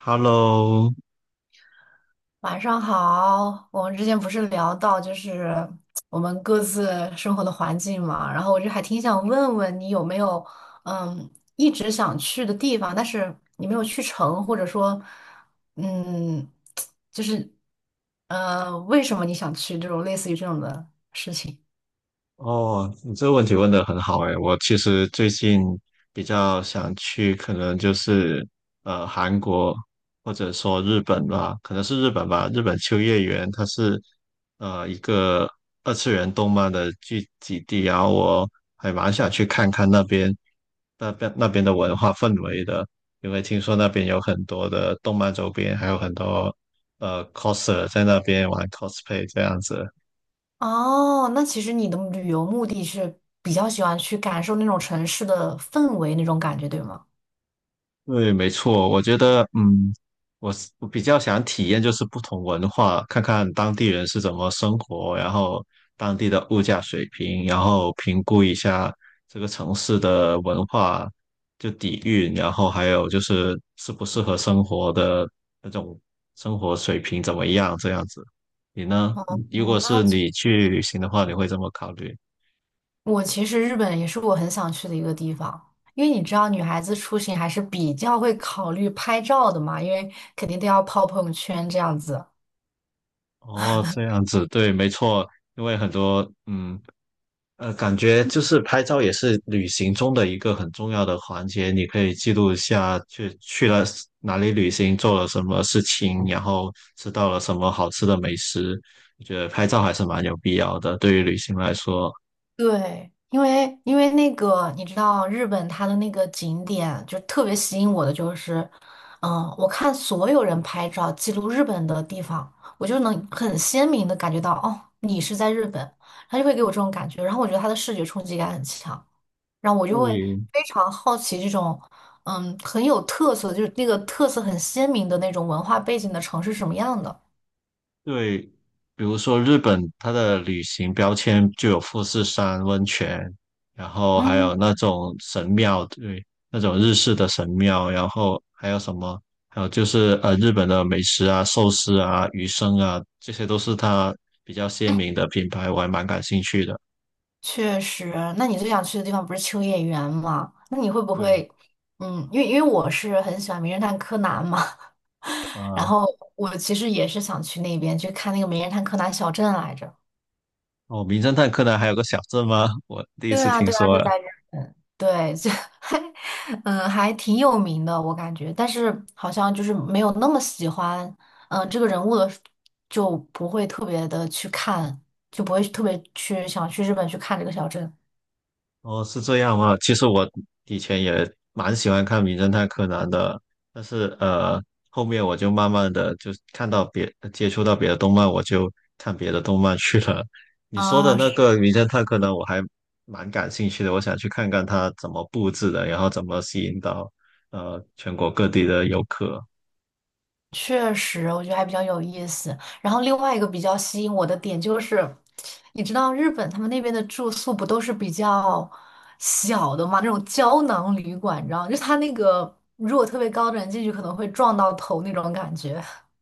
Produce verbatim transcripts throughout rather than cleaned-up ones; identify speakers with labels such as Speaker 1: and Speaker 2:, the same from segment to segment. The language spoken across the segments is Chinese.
Speaker 1: Hello，
Speaker 2: 晚上好，我们之前不是聊到就是我们各自生活的环境嘛，然后我就还挺想问问你有没有嗯一直想去的地方，但是你没有去成，或者说嗯就是呃为什么你想去这种类似于这种的事情？
Speaker 1: 哦，你这个问题问得很好诶，我其实最近比较想去，可能就是呃韩国或者说日本吧，可能是日本吧。日本秋叶原它是呃一个二次元动漫的聚集地，然后我还蛮想去看看那边那边那边的文化氛围的，因为听说那边有很多的动漫周边，还有很多呃 coser 在那边玩 cosplay 这样子。
Speaker 2: 哦，那其实你的旅游目的是比较喜欢去感受那种城市的氛围那种感觉，对吗？
Speaker 1: 对，没错，我觉得，嗯，我是我比较想体验就是不同文化，看看当地人是怎么生活，然后当地的物价水平，然后评估一下这个城市的文化就底蕴，然后还有就是适不适合生活的那种生活水平怎么样，这样子。你呢？
Speaker 2: 哦，
Speaker 1: 如果
Speaker 2: 那
Speaker 1: 是
Speaker 2: 其
Speaker 1: 你去旅行的话，你会这么考虑？
Speaker 2: 我其实日本也是我很想去的一个地方，因为你知道女孩子出行还是比较会考虑拍照的嘛，因为肯定都要泡朋友圈这样子。
Speaker 1: 哦，这样子，对，没错，因为很多，嗯。呃，感觉就是拍照也是旅行中的一个很重要的环节，你可以记录一下去去了哪里旅行，做了什么事情，然后吃到了什么好吃的美食。我觉得拍照还是蛮有必要的，对于旅行来说。
Speaker 2: 对，因为因为那个你知道日本它的那个景点就特别吸引我的就是，嗯，我看所有人拍照记录日本的地方，我就能很鲜明的感觉到，哦，你是在日本，他就会给我这种感觉，然后我觉得它的视觉冲击感很强，然后我就会
Speaker 1: 对，
Speaker 2: 非常好奇这种，嗯，很有特色，就是那个特色很鲜明的那种文化背景的城市是什么样的。
Speaker 1: 对，比如说日本，它的旅行标签就有富士山温泉，然后还有
Speaker 2: 嗯。
Speaker 1: 那种神庙，对，那种日式的神庙，然后还有什么？还有就是呃，日本的美食啊、寿司啊、鱼生啊，这些都是它比较鲜明的品牌，我还蛮感兴趣的。
Speaker 2: 确实，那你最想去的地方不是秋叶原吗？那你会不
Speaker 1: 对，
Speaker 2: 会，嗯，因为因为我是很喜欢《名侦探柯南》嘛，然
Speaker 1: 啊、
Speaker 2: 后我其实也是想去那边去看那个《名侦探柯南》小镇来着。
Speaker 1: 哦，名侦探柯南还有个小镇吗？我第一
Speaker 2: 对
Speaker 1: 次
Speaker 2: 啊，
Speaker 1: 听
Speaker 2: 对啊，
Speaker 1: 说，
Speaker 2: 就在日本。对，就，还，嗯，还挺有名的，我感觉，但是好像就是没有那么喜欢，嗯，这个人物的，就不会特别的去看，就不会特别去想去日本去看这个小镇。
Speaker 1: 哦，是这样吗？其实我以前也蛮喜欢看《名侦探柯南》的，但是呃，后面我就慢慢的就看到别接触到别的动漫，我就看别的动漫去了。你说的
Speaker 2: 啊，
Speaker 1: 那个《名侦探柯南》，我还蛮感兴趣的，我想去看看它怎么布置的，然后怎么吸引到呃全国各地的游客。
Speaker 2: 确实，我觉得还比较有意思。然后另外一个比较吸引我的点就是，你知道日本他们那边的住宿不都是比较小的嘛，那种胶囊旅馆，你知道吗，就是它那个如果特别高的人进去可能会撞到头那种感觉。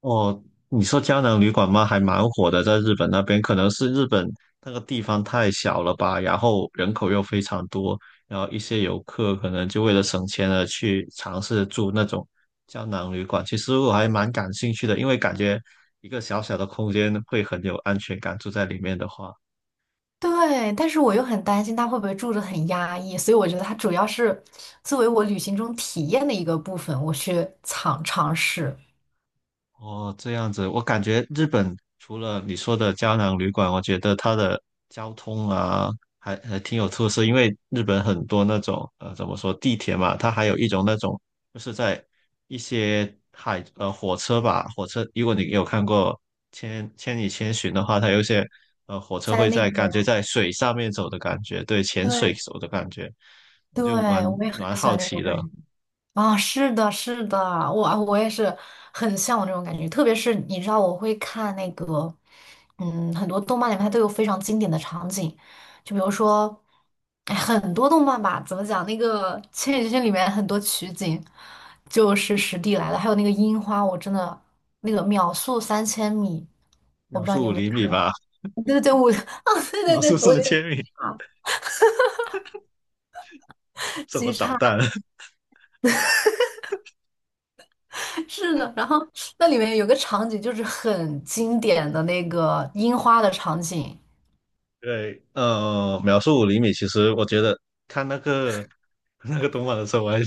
Speaker 1: 哦，你说胶囊旅馆吗？还蛮火的，在日本那边，可能是日本那个地方太小了吧，然后人口又非常多，然后一些游客可能就为了省钱而去尝试住那种胶囊旅馆。其实我还蛮感兴趣的，因为感觉一个小小的空间会很有安全感，住在里面的话。
Speaker 2: 对，但是我又很担心他会不会住着很压抑，所以我觉得它主要是作为我旅行中体验的一个部分，我去尝尝试
Speaker 1: 哦，这样子，我感觉日本除了你说的胶囊旅馆，我觉得它的交通啊，还还挺有特色。因为日本很多那种呃，怎么说地铁嘛，它还有一种那种，就是在一些海呃火车吧，火车，如果你有看过千《千与千寻》的话，它有一些呃火车
Speaker 2: 在
Speaker 1: 会
Speaker 2: 那
Speaker 1: 在
Speaker 2: 个，
Speaker 1: 感觉在水上面走的感觉，对，潜水
Speaker 2: 对
Speaker 1: 走的感觉，
Speaker 2: 对，
Speaker 1: 就蛮
Speaker 2: 我也很
Speaker 1: 蛮
Speaker 2: 喜
Speaker 1: 好
Speaker 2: 欢这
Speaker 1: 奇
Speaker 2: 种感
Speaker 1: 的。
Speaker 2: 觉。啊，是的，是的，我我也是很向往这种感觉，特别是你知道，我会看那个，嗯，很多动漫里面它都有非常经典的场景，就比如说，哎很多动漫吧，怎么讲，那个《千与千寻》里面很多取景就是实地来的，还有那个樱花，我真的那个秒速三千米，我
Speaker 1: 秒
Speaker 2: 不知道你
Speaker 1: 速
Speaker 2: 有
Speaker 1: 五
Speaker 2: 没有
Speaker 1: 厘米
Speaker 2: 看
Speaker 1: 吧，
Speaker 2: 过，对对对，我，啊，对对
Speaker 1: 秒速
Speaker 2: 对，我
Speaker 1: 上
Speaker 2: 有点。
Speaker 1: 千米，
Speaker 2: 啊
Speaker 1: 怎么
Speaker 2: 极
Speaker 1: 导
Speaker 2: 差，
Speaker 1: 弹？
Speaker 2: 是的，然后那里面有个场景就是很经典的那个樱花的场景，
Speaker 1: 对，呃，秒速五厘米，其实我觉得看那个 那个动画的时候，我还蛮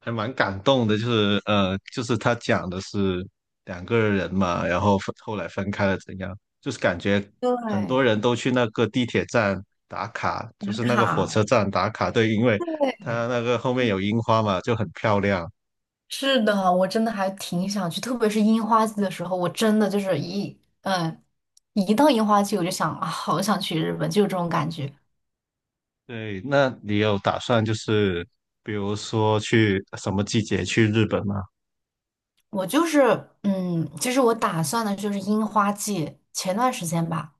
Speaker 1: 还蛮感动的，就是呃，就是他讲的是两个人嘛，然后分后来分开了怎样，就是感觉很多
Speaker 2: 对，
Speaker 1: 人都去那个地铁站打卡，
Speaker 2: 打
Speaker 1: 就是那个火
Speaker 2: 卡，
Speaker 1: 车站打卡，对，因为他
Speaker 2: 对，
Speaker 1: 那个后面有樱花嘛，就很漂亮。
Speaker 2: 是的，我真的还挺想去，特别是樱花季的时候，我真的就是一嗯，一到樱花季我就想啊，好想去日本，就有这种感觉。
Speaker 1: 对，那你有打算就是比如说去什么季节去日本吗？
Speaker 2: 我就是嗯，其实我打算的就是樱花季前段时间吧。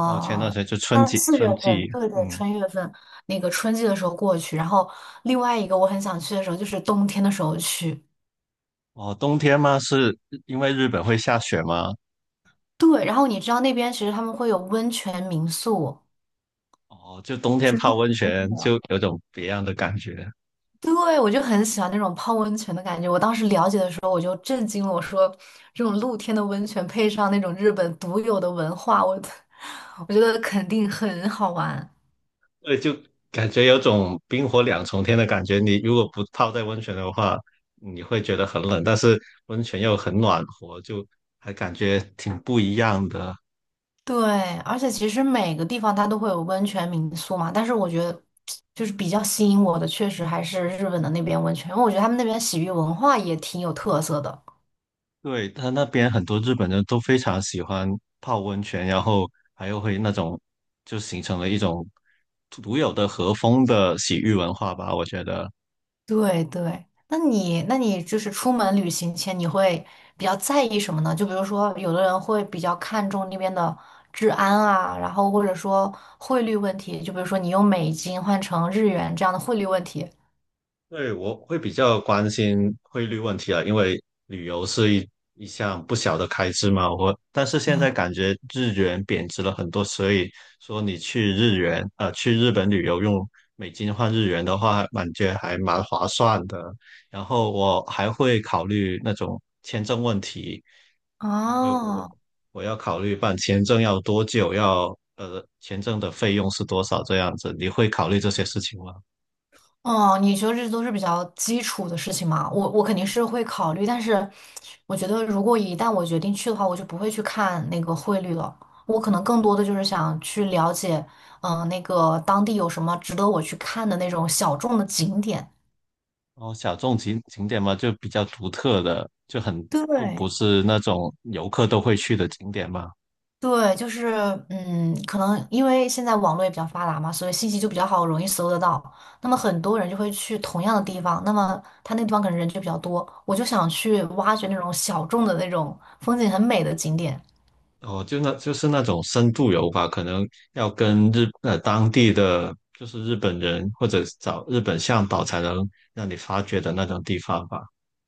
Speaker 1: 哦，前段时间就春
Speaker 2: 但
Speaker 1: 季，
Speaker 2: 四月
Speaker 1: 春
Speaker 2: 份，
Speaker 1: 季，
Speaker 2: 对对，
Speaker 1: 嗯。
Speaker 2: 春月份那个春季的时候过去，然后另外一个我很想去的时候就是冬天的时候去。
Speaker 1: 哦，冬天吗？是因为日本会下雪吗？
Speaker 2: 对，然后你知道那边其实他们会有温泉民宿，
Speaker 1: 哦，就冬天
Speaker 2: 是露
Speaker 1: 泡温
Speaker 2: 天
Speaker 1: 泉就
Speaker 2: 的。
Speaker 1: 有种别样的感觉，
Speaker 2: 对，我就很喜欢那种泡温泉的感觉。我当时了解的时候，我就震惊了，我说这种露天的温泉配上那种日本独有的文化，我 我觉得肯定很好玩。
Speaker 1: 对，就感觉有种冰火两重天的感觉。你如果不泡在温泉的话，你会觉得很冷，但是温泉又很暖和，就还感觉挺不一样的。
Speaker 2: 对，而且其实每个地方它都会有温泉民宿嘛，但是我觉得就是比较吸引我的，确实还是日本的那边温泉，因为我觉得他们那边洗浴文化也挺有特色的。
Speaker 1: 对，他那边很多日本人都非常喜欢泡温泉，然后还有会那种就形成了一种独有的和风的洗浴文化吧，我觉得。
Speaker 2: 对对，那你那你就是出门旅行前你会比较在意什么呢？就比如说有的人会比较看重那边的治安啊，然后或者说汇率问题，就比如说你用美金换成日元这样的汇率问题。
Speaker 1: 对，我会比较关心汇率问题啊，因为旅游是一一项不小的开支嘛。我但是现在感觉日元贬值了很多，所以说你去日元呃去日本旅游用美金换日元的话，感觉还蛮划算的。然后我还会考虑那种签证问题，因为我
Speaker 2: 哦，
Speaker 1: 我要考虑办签证要多久，要呃签证的费用是多少这样子。你会考虑这些事情吗？
Speaker 2: 哦，你觉得这都是比较基础的事情嘛？我我肯定是会考虑，但是我觉得如果一旦我决定去的话，我就不会去看那个汇率了。我可能更多的就是想去了解，嗯、那个当地有什么值得我去看的那种小众的景点。
Speaker 1: 哦，小众景景点嘛，就比较独特的，就很不不
Speaker 2: 对，
Speaker 1: 是那种游客都会去的景点嘛。
Speaker 2: 对，就是嗯，可能因为现在网络也比较发达嘛，所以信息就比较好，容易搜得到。那么很多人就会去同样的地方，那么他那个地方可能人就比较多，我就想去挖掘那种小众的那种风景很美的景点。
Speaker 1: 哦，就那就是那种深度游吧，可能要跟日呃当地的就是日本人或者找日本向导才能让你发掘的那种地方吧。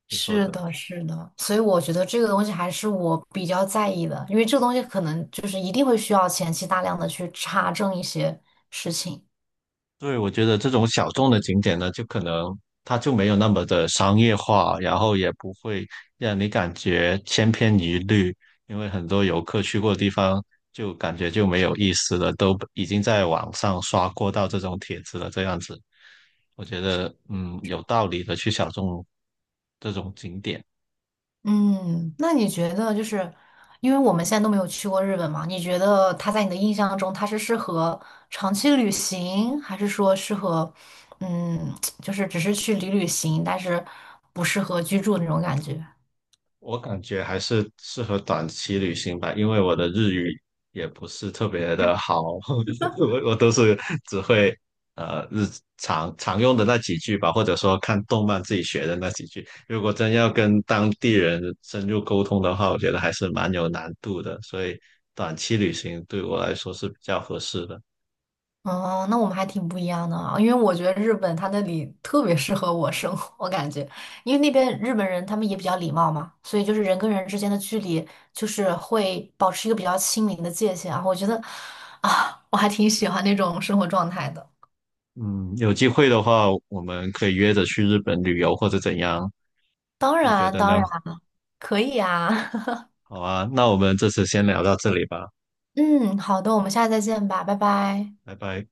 Speaker 1: 你说
Speaker 2: 是
Speaker 1: 的。
Speaker 2: 的，是的，所以我觉得这个东西还是我比较在意的，因为这个东西可能就是一定会需要前期大量的去查证一些事情。
Speaker 1: 对，我觉得这种小众的景点呢，就可能它就没有那么的商业化，然后也不会让你感觉千篇一律，因为很多游客去过的地方就感觉就没有意思了，都已经在网上刷过到这种帖子了，这样子，我觉得嗯有道理的去小众这种景点。
Speaker 2: 嗯，那你觉得就是，因为我们现在都没有去过日本嘛，你觉得它在你的印象中，它是适合长期旅行，还是说适合，嗯，就是只是去旅旅行，但是不适合居住那种感觉？
Speaker 1: 我感觉还是适合短期旅行吧，因为我的日语也不是特别的好，我我都是只会呃日常常用的那几句吧，或者说看动漫自己学的那几句。如果真要跟当地人深入沟通的话，我觉得还是蛮有难度的，所以短期旅行对我来说是比较合适的。
Speaker 2: 哦，那我们还挺不一样的啊，因为我觉得日本它那里特别适合我生活，我感觉，因为那边日本人他们也比较礼貌嘛，所以就是人跟人之间的距离就是会保持一个比较亲民的界限啊，我觉得啊，我还挺喜欢那种生活状态的。
Speaker 1: 嗯，有机会的话，我们可以约着去日本旅游或者怎样，
Speaker 2: 当
Speaker 1: 你觉
Speaker 2: 然，
Speaker 1: 得
Speaker 2: 当然
Speaker 1: 呢？
Speaker 2: 可以啊，
Speaker 1: 好啊，那我们这次先聊到这里吧，
Speaker 2: 嗯，好的，我们下次再见吧，拜拜。
Speaker 1: 拜拜。